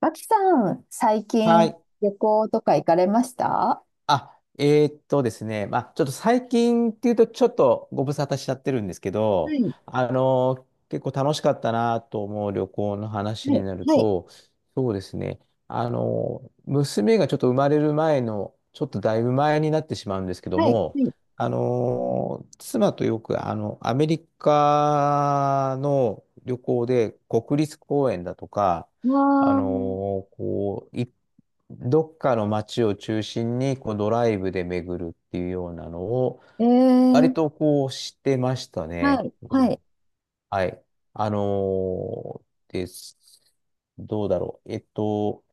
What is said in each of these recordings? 脇さん、最は近い。旅行とか行かれました？はあ、ですね、まあ、ちょっと最近っていうと、ちょっとご無沙汰しちゃってるんですけど、い、結構楽しかったなと思う旅行の話はにい、なるはい、と、そうですね、娘がちょっと生まれる前の、ちょっとだいぶ前になってしまうんですけどはい、も、はい。妻とよく、アメリカの旅行で、国立公園だとか、わー、こう、どっかの街を中心にこうドライブで巡るっていうようなのを、え割ー、とこうしてましたあね。うあ、はん、い、はい。あのーです。どうだろう。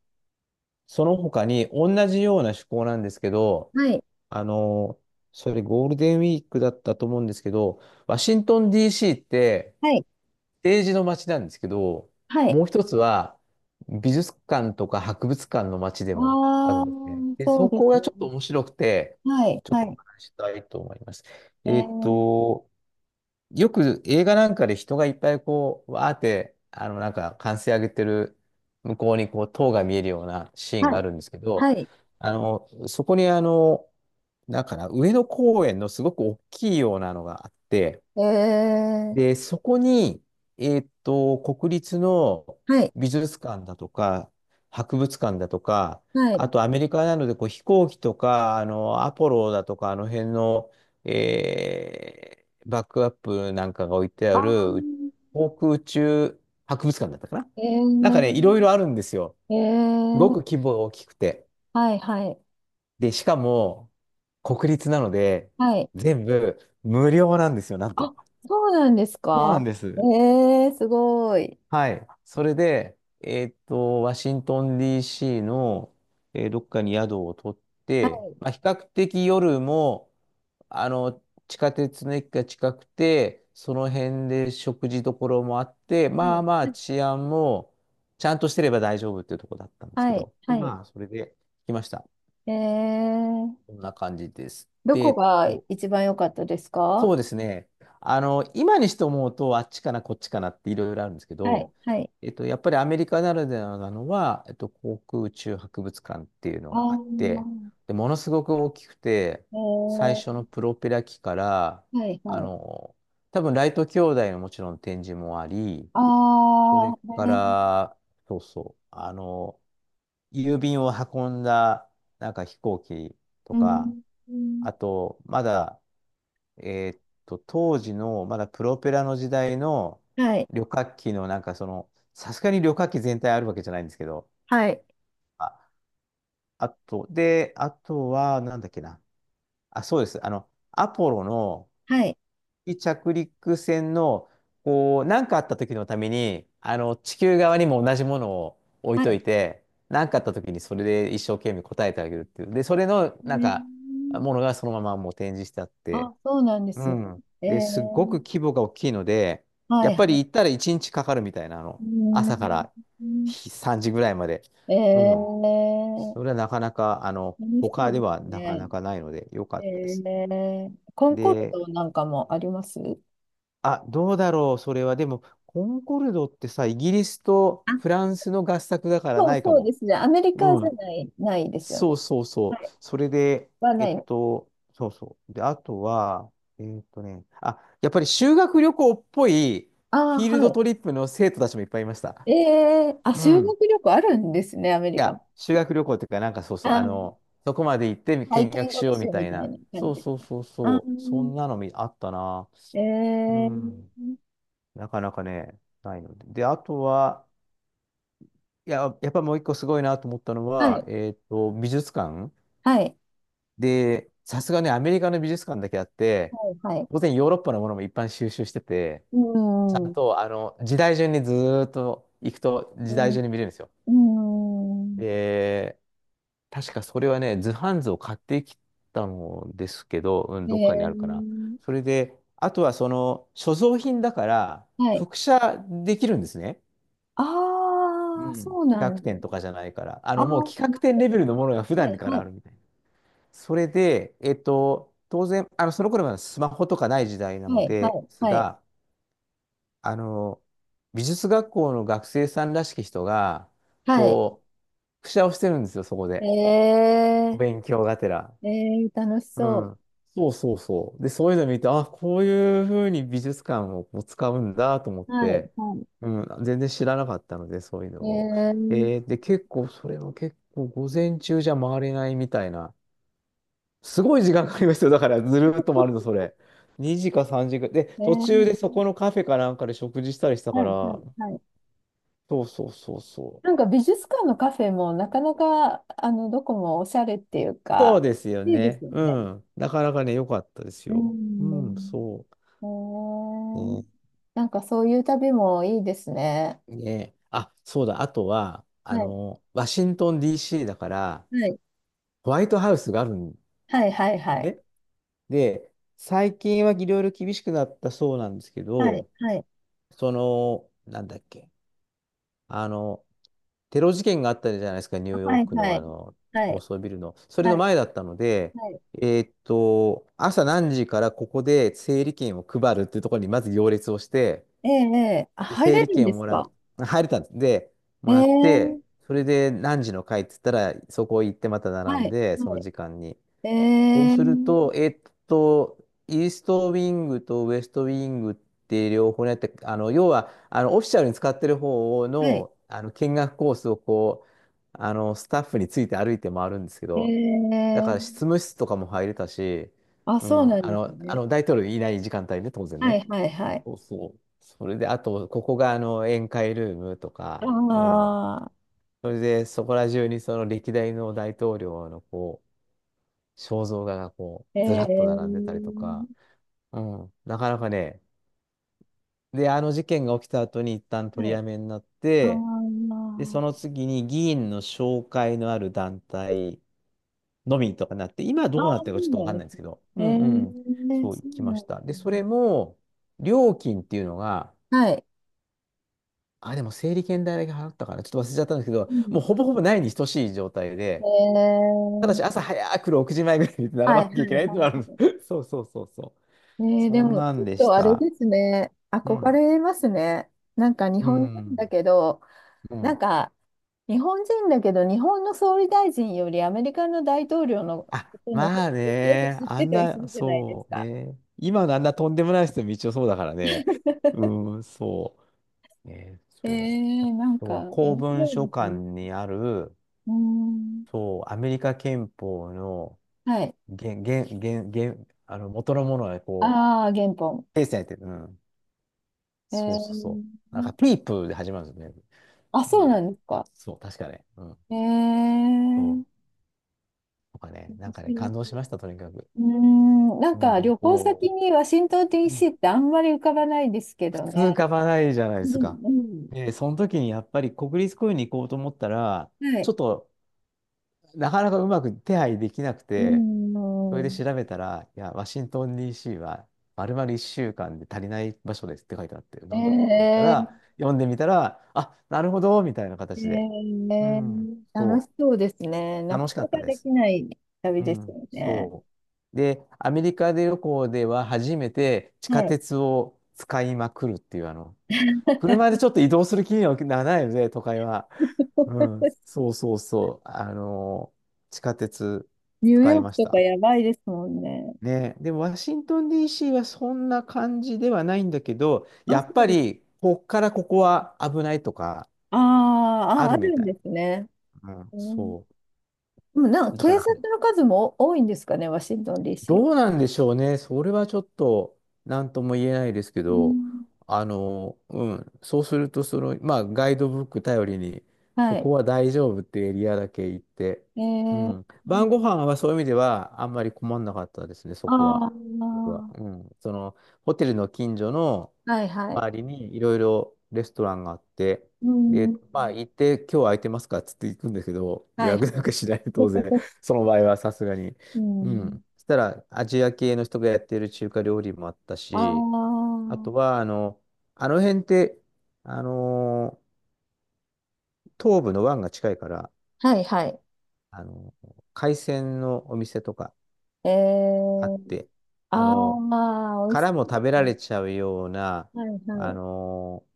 その他に同じような趣向なんですけど、はい、あのーそれゴールデンウィークだったと思うんですけど、ワシントン DC って、はい、はい。ージの街なんですけど、はい。もう一つは美術館とか博物館の街でもあるああ、んですね。で、そうそでこすがちょっとね。面白くて、はい、ちょっはとおい。話ししたいと思います。ええっー、と、よく映画なんかで人がいっぱいこう、わーって、なんか歓声上げてる向こうにこう、塔が見えるようなシーンはがあい、るんですけど、はい、そこになんかな、上野公園のすごく大きいようなのがあって、えー、で、そこに、国立のはい、美術館だとか、博物館だとか、はあい、とアメリカなのでこう飛行機とか、アポロだとか、あの辺の、えーバックアップなんかが置いてあある、あ、航空宇宙博物館だったかな。えなんかね、いろいー、ろあるんですよ。えすごー、く規模が大きくて。はい、はい、で、しかも、国立なので、はい。全部無料なんですよ、なんあ、と。そうなんですそうか？なんでえす。ー、すごい。はい。それで、ワシントン DC の、どっかに宿を取っはて、い、まあ、比較的夜も、あの、地下鉄の駅が近くて、その辺で食事どころもあって、はまあまあい、治安もちゃんとしてれば大丈夫っていうところだったんですけはい、ど、はで、い。まあ、それで来ました。えー、こんな感じです。どで、こが一番良かったですそか？うですね。今にして思うと、あっちかな、こっちかなっていろいろあるんですけはい、ど、はい。やっぱりアメリカならではなのは、航空宇宙博物館っていうのあがあって、あ、で、ものすごく大きくて、え最初のー、プロペラ機から、はい、あはい。の、多分ライト兄弟のもちろん展示もあり、あそれあ、かえー、ら、そうそう、郵便を運んだ、なんか飛行機とうか、ん、うん、あと、まだ、当時の、まだプロペラの時代のはい、旅客機の、なんかその、さすがに旅客機全体あるわけじゃないんですけど、はい、あ、あと、で、あとは、なんだっけな。あ、そうです。アポロの、はい、着陸船の、こう、何かあった時のために、地球側にも同じものを置いはとい。いて、何かあった時にそれで一生懸命答えてあげるっていう。で、それの、えなんか、ー、ものがそのままもう展示してあっあ、て、そうなんでうすね。ん。えで、ー、すごく規模が大きいので、はやっい、はぱりい。行ったら1日かかるみたいな、う朝からん、3時ぐらいまで。えうん。ー、それはなかなか、楽しそ他うでではすなかね。なかないので、良かったでえす。ー、コンコルで、ドなんかもあります？あ、どうだろう、それは。でも、コンコルドってさ、イギリスとあ、フランスの合作だからそなう、いかそうも。ですね。アメリカうじゃん。ない、ないですよそね。うそうはそう。い。それで、はない。そうそう。で、あとは、あ、やっぱり修学旅行っぽいあフあ、ィールドはトリップの生徒たちもいっぱいいました。い。えー、あ、う修ん。学旅行あるんですね、アメいリカも。や、修学旅行っていうか、なんかそうそう、あー、そこまで行って体見験学し学よう習みたみいたいな。な感そじうですそうか。そうああ、そう。そんなのみあったな。えうー、ん。なかなかね、ないので。で、あとは、いや、やっぱもう一個すごいなと思ったのはは、い。美術館はい。で、さすがね、アメリカの美術館だけあって、はい。はい。当然ヨーロッパのものも一般収集してて、うちゃん。んうと、時代順にずーっと行くと時代ん。順に見れるんですよ。うで、確かそれはね、図版図を買ってきたのですけど、うん、ん。どっかにえあるかな。ー、それで、あとはその、所蔵品だから、はい。複写できるんですね。あうあ、ん。そうな企ん画で展す。とかじゃないから。ああ、もうは企画展レベルのものが普い。は段い。からあるみたいな。それで、当然、その頃はスマホとかない時代なはのい。はでい。すはい。が、あの、美術学校の学生さんらしき人が、はい。こう、くしゃをしてるんですよ、そこで。おえ勉強がてら。ー、ええ、楽しうそう。ん。そうそうそう。で、そういうの見て、あ、こういうふうに美術館をこう使うんだと思っはい、て、はうん、全然知らなかったので、そういうのい。えを。ー、で、結構、それは結構、午前中じゃ回れないみたいな。すごい時間かかりますよ。だからずるっと回るの、それ。2時か3時かん。で、え途中でそー、このカフェかなんかで食事したりしたかはい、はら、い、はい。そうそうそうそう。なんか美術館のカフェもなかなか、あの、どこもおしゃれっていうそか、うですよいいですね。ようね。ん。なかなかね、良かったですうよ。うん、ん。そえう。ー、ね。なんかそういう旅もいいですね。ね。あ、そうだ。あとは、はい、ワシントン DC だから、はい、ホワイトハウスがあるんはい、はい、はい、ね。で、最近はいろいろ厳しくなったそうなんですけはい、ど、はい、その、なんだっけ。あの、テロ事件があったじゃないですか、ニューはヨーい、クはのあい、の、は高い、層ビルの。それはのい、前だったので、はい、朝何時からここで整理券を配るっていうところにまず行列をして、ええ、ええ、あ、で入整れ理るん券をですもらう。か？入れたんです。で、もらって、ええ、それで何時の回って言ったら、そこ行ってまた並はんい、で、そはのい、時間に。えそうえ、すると、と、イーストウィングとウエストウィングって両方やって、要は、オフィシャルに使ってる方はい、の、見学コースをこう、スタッフについて歩いて回るんですけど、だから執ええ、務室とかも入れたし、あ、うそうん、なんあですの、あね。の、大統領いない時間帯ね、当然はね。いはいはい。そうそう。それで、あと、ここが、宴会ルームとか、うあん。あ、それで、そこら中にその歴代の大統領の肖像画がこえう、ずらっと並んでたりとえ、か、うん、なかなかね、で、あの事件が起きた後に一旦取はりい。やめになっああ、て、で、その次に議員の紹介のある団体のみとかなって、今ああ、どうなってるそかちうょっとわなんかんでないんですすけね。ど、うんうんうえん、え、そう行そうきまなしんた。で、それも、料金っていうのが、だ。はい。あ、でも整理券代だけ払ったかな、ちょっと忘れちゃったんですけど、うもうん。ほぼほぼないに等しい状態で、えただえ、し朝早く6時前ぐらいに並はばい、はない、きゃいけないってはのがあい、るんはでい。す。そうそうそうそう。ええ、でそんも、なちょんっでしとあれた。ですね。う憧ん。れますね。なんか日う本人ん。だけど、うなんん。か日本人だけど、日本の総理大臣よりアメリカの大統領のこあ、との方まがあよくね。知っあてんたりすな、るじゃないですそうか。ね。今のあんなとんでもない人も一応そうだからね。うん、そう。ね、えそう。あー、なんとか、は公面文白い書です館ね。にある、うーん。そう、アメリカ憲法のはい。原、原、原、原、元のものがこああ、原本。う、訂正されてる。うん。えそうそうー、そう。なんね、か、ピープで始まるんですよね。あ、そううん。なんですか。そう、確かね。うん。えー、そ面う。とかね、なんかね、白い。感動しました、とにかく。うーん、なうんかん。旅行お先う。にワシントン DC ってあんまり浮かばないですけど通ね。かばないじゃないでうん、すか。うん、で、その時にやっぱり国立公園に行こうと思ったら、はちい。ょっとなかなかうまく手配できなくうて、ん、それうでん。調べたら、いや、ワシントン DC は丸々1週間で足りない場所ですって書いてあって、えなんだろうと思ったー、ら、読んでみたら、あ、なるほど、みたいなえ形で。うん、ー、楽そしそうですね。う、な楽かしかなったかでです。きない旅うですん、よね。そう。で、アメリカで旅行では初めて地は下い。鉄を使いまくるっていう、車でちょっと移動する気にはならないので、都会は。うん。そうそうそう。地下鉄ニュー使ヨいークましとかた。やばいですもんね。ね。で、ワシントン DC はそんな感じではないんだけど、やあ、そっうぱです。り、こっからここは危ないとか、あー、ああ、あるみるたんでい。すね。うん、うん、でそもなんかう。だ警から察それ。の数も多いんですかね、ワシントン DC は。どうなんでしょうね。それはちょっと何とも言えないですけうど、ん、そうすると、その、まあ、ガイドブック頼りに、はこい。こは大丈夫ってエリアだけ行って、えうー、ん、晩ご飯はそういう意味ではあんまり困んなかったですね、そこあは。僕あ、はうん、その、ホテルの近所のはいはい。周りにいろいろレストランがあって、うで、ん、まあ、行って、今日空いてますかっつって行くんですけど、予はい。約なんかしない、当然、その場合はさすがに。ううん、ん。そしたら、アジア系の人がやってる中華料理もあったあし、あとあ、は、あの辺って、あのー東部の湾が近いから、はいはい。海鮮のお店とかえあっー、て、ああのーあ、美味しそ殻もう食でべすらね。れちゃうような、はいはあい。のー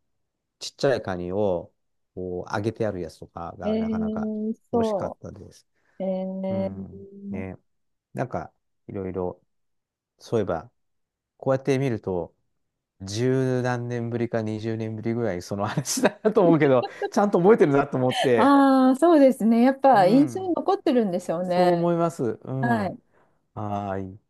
ちっちゃいカニを、こう、揚げてあるやつとかえが、ー、なかなか美味し美味しかっそたです。う。えうん。ー、ね。なんか、いろいろ、そういえば、こうやって見ると、十何年ぶりか二十年ぶりぐらいその話だなと思うけど、ちゃんと覚えてるなと思って、ああ、そうですね。やっうぱ印象にん、残ってるんでしょうそうね。思います。うん。はい。はーい。